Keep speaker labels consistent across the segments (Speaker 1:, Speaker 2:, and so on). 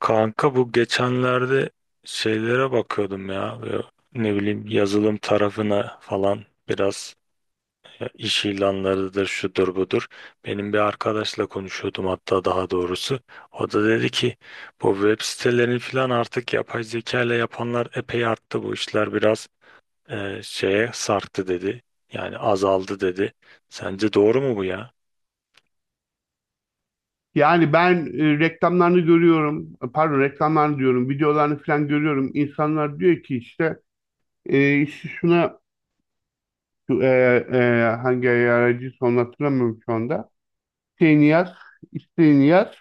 Speaker 1: Kanka bu geçenlerde şeylere bakıyordum ya. Böyle ne bileyim, yazılım tarafına falan biraz, ya iş ilanlarıdır şudur budur. Benim bir arkadaşla konuşuyordum hatta, daha doğrusu. O da dedi ki bu web sitelerini falan artık yapay zeka ile yapanlar epey arttı, bu işler biraz şeye sarktı dedi. Yani azaldı dedi. Sence doğru mu bu ya?
Speaker 2: Yani ben reklamlarını görüyorum, pardon, reklamlarını diyorum, videolarını falan görüyorum. İnsanlar diyor ki işte, işte şuna, e, hangi aracı son hatırlamıyorum şu anda. Şeyini yaz, isteğini yaz,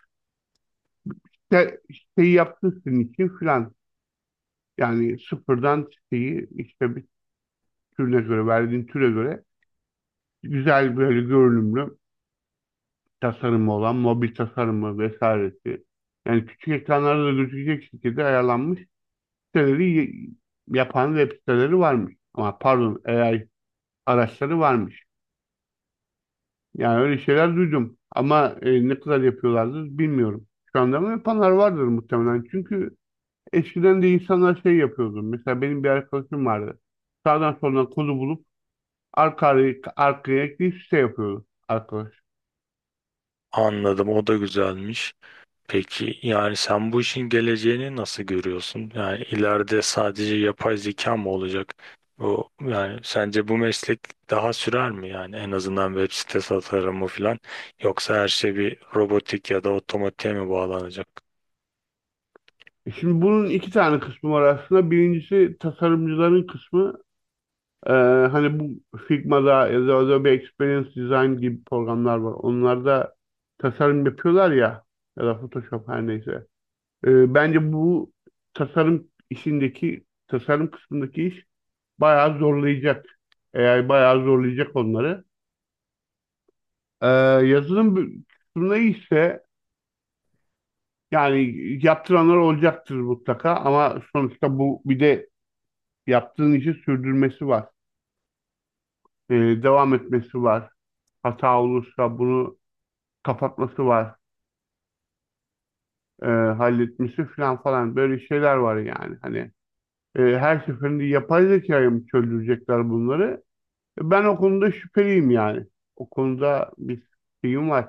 Speaker 2: işte, isteği yaptın senin için falan. Yani sıfırdan siteyi işte bir türüne göre, verdiğin türe göre güzel, böyle görünümlü, tasarımı olan, mobil tasarımı vesairesi. Yani küçük ekranlarda da gözükecek şekilde ayarlanmış siteleri yapan web siteleri varmış. Ama, pardon, AI araçları varmış. Yani öyle şeyler duydum. Ama ne kadar yapıyorlardır bilmiyorum. Şu anda mı yapanlar vardır, muhtemelen. Çünkü eskiden de insanlar şey yapıyordu. Mesela benim bir arkadaşım vardı. Sağdan soldan kodu bulup arka arkaya ekleyip site yapıyordu arkadaş.
Speaker 1: Anladım, o da güzelmiş. Peki yani sen bu işin geleceğini nasıl görüyorsun? Yani ileride sadece yapay zeka mı olacak? O yani sence bu meslek daha sürer mi yani, en azından web sitesi tasarımı falan, yoksa her şey bir robotik ya da otomatiğe mi bağlanacak?
Speaker 2: Şimdi bunun iki tane kısmı var aslında. Birincisi, tasarımcıların kısmı. Ee, Hani bu Figma'da ya da Adobe Experience Design gibi programlar var. Onlarda tasarım yapıyorlar ya, ya da Photoshop, her neyse. Bence bu tasarım işindeki, tasarım kısmındaki iş bayağı zorlayacak. AI bayağı zorlayacak onları. Ee, Yazılım kısmında ise, yani yaptıranlar olacaktır mutlaka, ama sonuçta bu, bir de yaptığın işi sürdürmesi var. Ee, Devam etmesi var. Hata olursa bunu kapatması var, halletmesi falan falan, böyle şeyler var yani. Hani, her seferinde yapay zekaya mı çözdürecekler bunları? Ben o konuda şüpheliyim yani. O konuda bir şeyim var,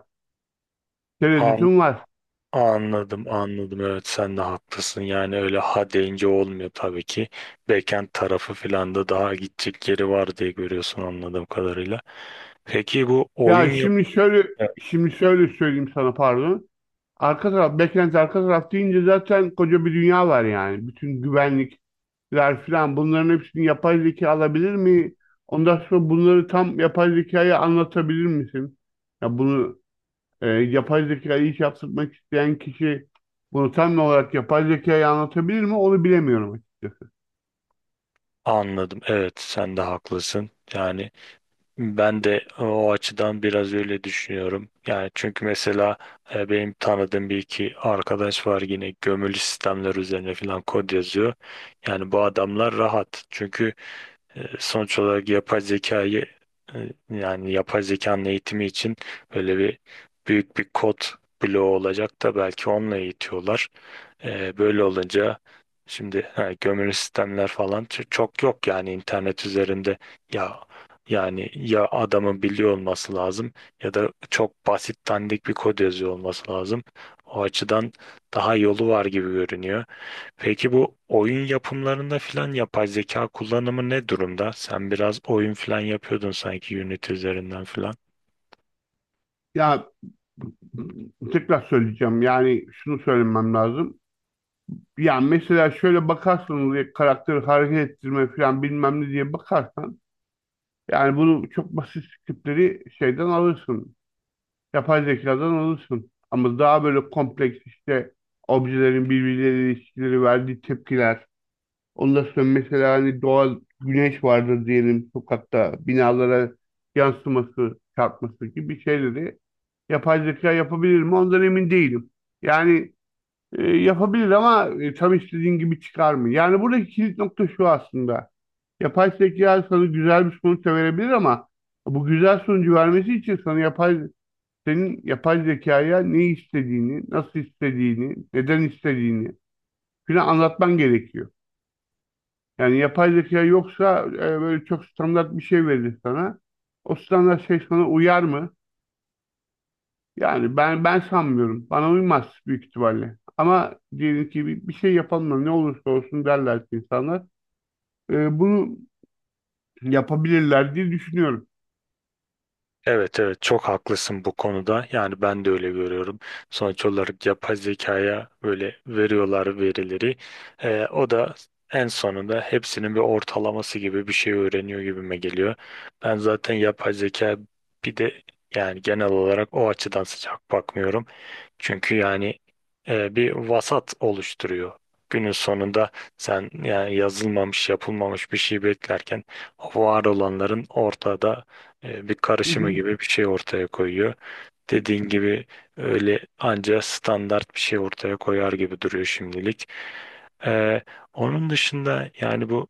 Speaker 1: An
Speaker 2: tereddütüm var.
Speaker 1: anladım anladım evet, sen de haklısın. Yani öyle ha deyince olmuyor tabii ki. Backend tarafı falan da daha gidecek yeri var diye görüyorsun anladığım kadarıyla. Peki bu
Speaker 2: Ya,
Speaker 1: oyun yap...
Speaker 2: şimdi şöyle söyleyeyim sana, pardon. Arka taraf, backend, arka taraf deyince zaten koca bir dünya var yani. Bütün güvenlikler falan, bunların hepsini yapay zeka alabilir mi? Ondan sonra bunları tam yapay zekaya anlatabilir misin? Ya bunu. Yapay zekayı iş yaptırmak isteyen kişi bunu tam olarak yapay zekayı anlatabilir mi? Onu bilemiyorum açıkçası.
Speaker 1: Anladım. Evet, sen de haklısın. Yani ben de o açıdan biraz öyle düşünüyorum. Yani çünkü mesela benim tanıdığım bir iki arkadaş var, yine gömülü sistemler üzerine falan kod yazıyor. Yani bu adamlar rahat. Çünkü sonuç olarak yapay zekayı yani yapay zekanın eğitimi için böyle bir büyük bir kod bloğu olacak da belki onunla eğitiyorlar. Böyle olunca şimdi ha, gömülü sistemler falan çok yok yani internet üzerinde, ya yani ya adamın biliyor olması lazım ya da çok basit dandik bir kod yazıyor olması lazım. O açıdan daha yolu var gibi görünüyor. Peki bu oyun yapımlarında filan yapay zeka kullanımı ne durumda? Sen biraz oyun filan yapıyordun sanki Unity üzerinden filan.
Speaker 2: Ya, tekrar söyleyeceğim. Yani şunu söylemem lazım. Yani mesela şöyle bakarsanız, ya karakteri hareket ettirme falan bilmem ne diye bakarsan, yani bunu çok basit tipleri şeyden alırsın. Yapay zekadan alırsın. Ama daha böyle kompleks işte, objelerin birbirleriyle ilişkileri, verdiği tepkiler, ondan sonra mesela hani doğal güneş vardır diyelim, sokakta binalara yansıması, çarpması gibi şeyleri yapay zeka yapabilir mi? Ondan emin değilim. Yani yapabilir, ama tam istediğin gibi çıkar mı? Yani buradaki kilit nokta şu aslında. Yapay zeka sana güzel bir sonuç da verebilir, ama bu güzel sonucu vermesi için sana yapay senin yapay zekaya ne istediğini, nasıl istediğini, neden istediğini filan anlatman gerekiyor. Yani yapay zeka yoksa böyle çok standart bir şey verir sana. O standart şey sana uyar mı? Yani ben sanmıyorum. Bana uymaz büyük ihtimalle. Ama diyelim ki bir şey yapalım da ne olursa olsun, derler ki insanlar. Bunu yapabilirler diye düşünüyorum.
Speaker 1: Evet evet, çok haklısın bu konuda. Yani ben de öyle görüyorum. Sonuç olarak yapay zekaya böyle veriyorlar verileri. O da en sonunda hepsinin bir ortalaması gibi bir şey öğreniyor gibime geliyor. Ben zaten yapay zeka, bir de yani genel olarak o açıdan sıcak bakmıyorum. Çünkü yani bir vasat oluşturuyor. Günün sonunda sen yani yazılmamış, yapılmamış bir şey beklerken var olanların ortada bir
Speaker 2: Hı
Speaker 1: karışımı
Speaker 2: hı.
Speaker 1: gibi bir şey ortaya koyuyor. Dediğin gibi öyle anca standart bir şey ortaya koyar gibi duruyor şimdilik. E, Onun dışında yani bu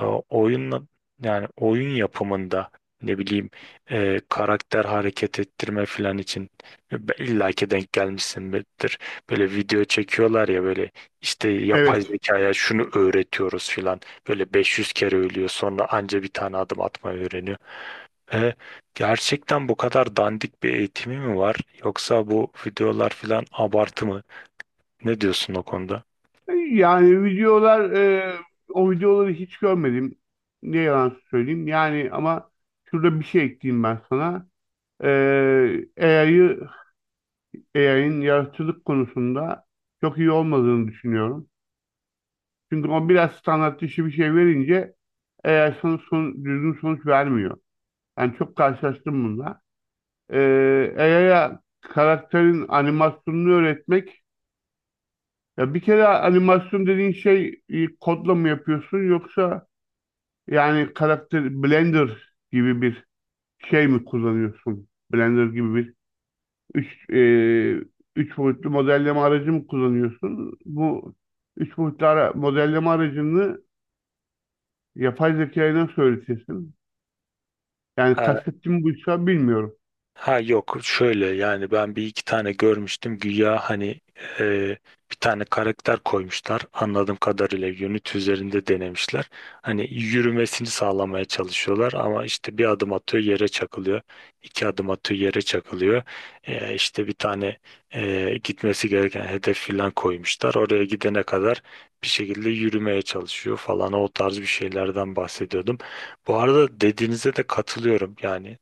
Speaker 1: oyunla, yani oyun yapımında ne bileyim, karakter hareket ettirme falan için illa ki denk gelmişsindir. Böyle video çekiyorlar ya, böyle işte yapay
Speaker 2: Evet.
Speaker 1: zekaya şunu öğretiyoruz filan. Böyle 500 kere ölüyor sonra anca bir tane adım atmayı öğreniyor. E, Gerçekten bu kadar dandik bir eğitimi mi var, yoksa bu videolar filan abartı mı? Ne diyorsun o konuda?
Speaker 2: Yani videolar, o videoları hiç görmedim, ne yalan söyleyeyim. Yani, ama şurada bir şey ekleyeyim ben sana. E, A I'yı AI'nin yaratıcılık konusunda çok iyi olmadığını düşünüyorum. Çünkü o biraz standart dışı bir şey verince AI düzgün sonuç vermiyor. Yani çok karşılaştım bununla. AI'ya karakterin animasyonunu öğretmek. Ya, bir kere animasyon dediğin şey, kodla mı yapıyorsun, yoksa yani karakter Blender gibi bir şey mi kullanıyorsun? Blender gibi bir. Üç, e, Üç boyutlu modelleme aracı mı kullanıyorsun? Bu üç boyutlu modelleme aracını yapay zekaya nasıl öğretirsin? Yani kastettiğim buysa, bilmiyorum.
Speaker 1: Ha yok şöyle, yani ben bir iki tane görmüştüm, güya hani e, bir tane karakter koymuşlar anladığım kadarıyla unit üzerinde denemişler. Hani yürümesini sağlamaya çalışıyorlar ama işte bir adım atıyor yere çakılıyor, iki adım atıyor yere çakılıyor. İşte bir tane gitmesi gereken hedef filan koymuşlar, oraya gidene kadar bir şekilde yürümeye çalışıyor falan, o tarz bir şeylerden bahsediyordum. Bu arada dediğinize de katılıyorum, yani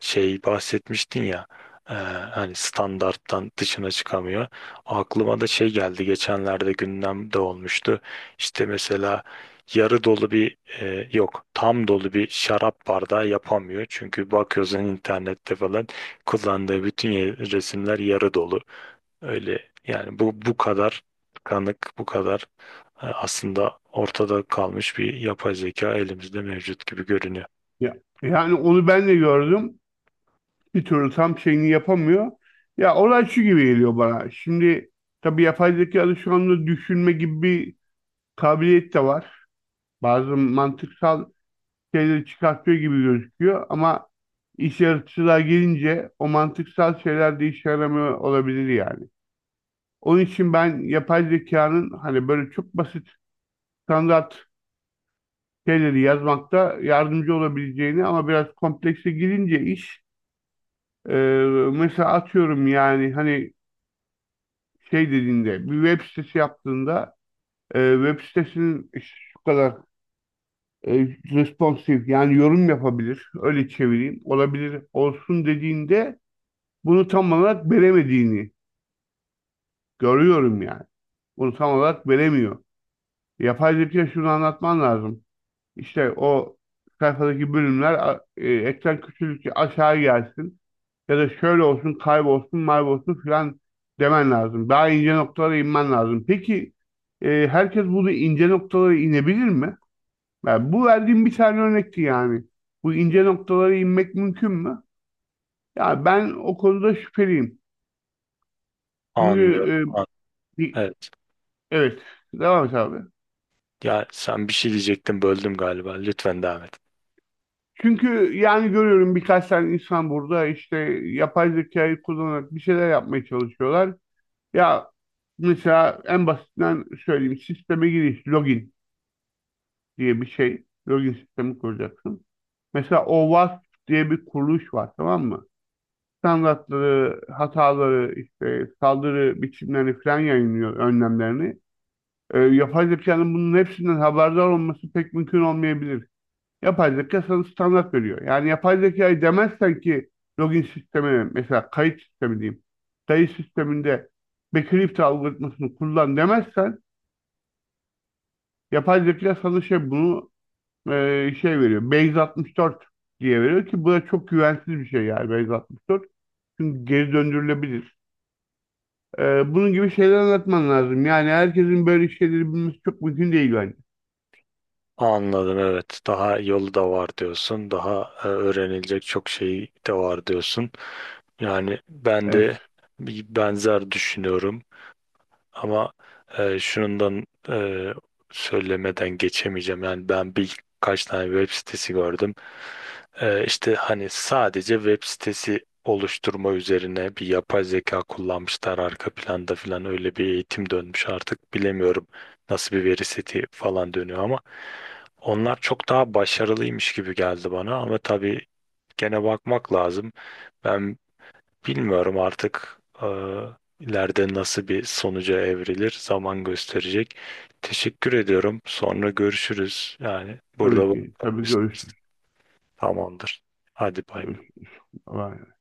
Speaker 1: şey bahsetmiştin ya, hani standarttan dışına çıkamıyor. Aklıma da şey geldi, geçenlerde gündemde olmuştu. İşte mesela yarı dolu bir yok tam dolu bir şarap bardağı yapamıyor. Çünkü bakıyorsun internette falan kullandığı bütün resimler yarı dolu. Öyle yani, bu bu kadar kanık bu kadar aslında ortada kalmış bir yapay zeka elimizde mevcut gibi görünüyor.
Speaker 2: Ya, yani onu ben de gördüm. Bir türlü tam şeyini yapamıyor. Ya, olay şu gibi geliyor bana. Şimdi tabii yapay zekada şu anda düşünme gibi bir kabiliyet de var. Bazı mantıksal şeyleri çıkartıyor gibi gözüküyor, ama iş yaratıcılığa gelince o mantıksal şeyler de işe yaramıyor olabilir yani. Onun için ben yapay zekanın hani böyle çok basit, standart şeyleri yazmakta yardımcı olabileceğini, ama biraz komplekse girince iş, e, mesela atıyorum yani, hani şey dediğinde bir web sitesi yaptığında, web sitesinin işte şu kadar, e, responsif, yani yorum yapabilir, öyle çevireyim, olabilir olsun dediğinde, bunu tam olarak veremediğini görüyorum yani. Bunu tam olarak veremiyor. Yapay zeka şunu anlatman lazım. İşte o sayfadaki bölümler ekran küçüldükçe aşağı gelsin, ya da şöyle olsun, kaybolsun, maybolsun filan, demen lazım. Daha ince noktalara inmen lazım. Peki, herkes bunu ince noktalara inebilir mi? Yani bu verdiğim bir tane örnekti yani. Bu ince noktalara inmek mümkün mü? Ya, ben o konuda şüpheliyim. Çünkü
Speaker 1: Anlıyorum. An...
Speaker 2: e,
Speaker 1: Evet.
Speaker 2: Evet, devam et, abi.
Speaker 1: Ya sen bir şey diyecektin, böldüm galiba. Lütfen devam et.
Speaker 2: Çünkü yani görüyorum, birkaç tane insan burada işte yapay zekayı kullanarak bir şeyler yapmaya çalışıyorlar. Ya, mesela en basitinden söyleyeyim, sisteme giriş, login diye bir şey. Login sistemi kuracaksın. Mesela OWASP diye bir kuruluş var, tamam mı? Standartları, hataları, işte saldırı biçimlerini falan yayınlıyor, önlemlerini. Yapay zekanın bunun hepsinden haberdar olması pek mümkün olmayabilir. Yapay zeka sana standart veriyor. Yani yapay zekayı demezsen ki login sistemi, mesela kayıt sistemi diyeyim. Kayıt sisteminde Bakelite algoritmasını kullan demezsen, yapay zeka sana şey, bunu şey veriyor. Base 64 diye veriyor ki bu da çok güvensiz bir şey yani, Base 64. Çünkü geri döndürülebilir. Bunun gibi şeyler anlatman lazım. Yani herkesin böyle şeyleri bilmesi çok mümkün değil bence.
Speaker 1: Anladım evet. Daha yolu da var diyorsun. Daha öğrenilecek çok şey de var diyorsun. Yani ben de
Speaker 2: Evet.
Speaker 1: bir benzer düşünüyorum. Ama şunundan e, söylemeden geçemeyeceğim. Yani ben birkaç tane web sitesi gördüm. E, işte hani sadece web sitesi oluşturma üzerine bir yapay zeka kullanmışlar arka planda falan, öyle bir eğitim dönmüş artık, bilemiyorum nasıl bir veri seti falan dönüyor ama onlar çok daha başarılıymış gibi geldi bana, ama tabii gene bakmak lazım. Ben bilmiyorum artık, ileride nasıl bir sonuca evrilir zaman gösterecek. Teşekkür ediyorum. Sonra görüşürüz. Yani burada
Speaker 2: Tabii ki.
Speaker 1: bırakalım
Speaker 2: Tabii, görüşürüz.
Speaker 1: istersen. Tamamdır. Hadi bay bay.
Speaker 2: Görüşürüz. Bye.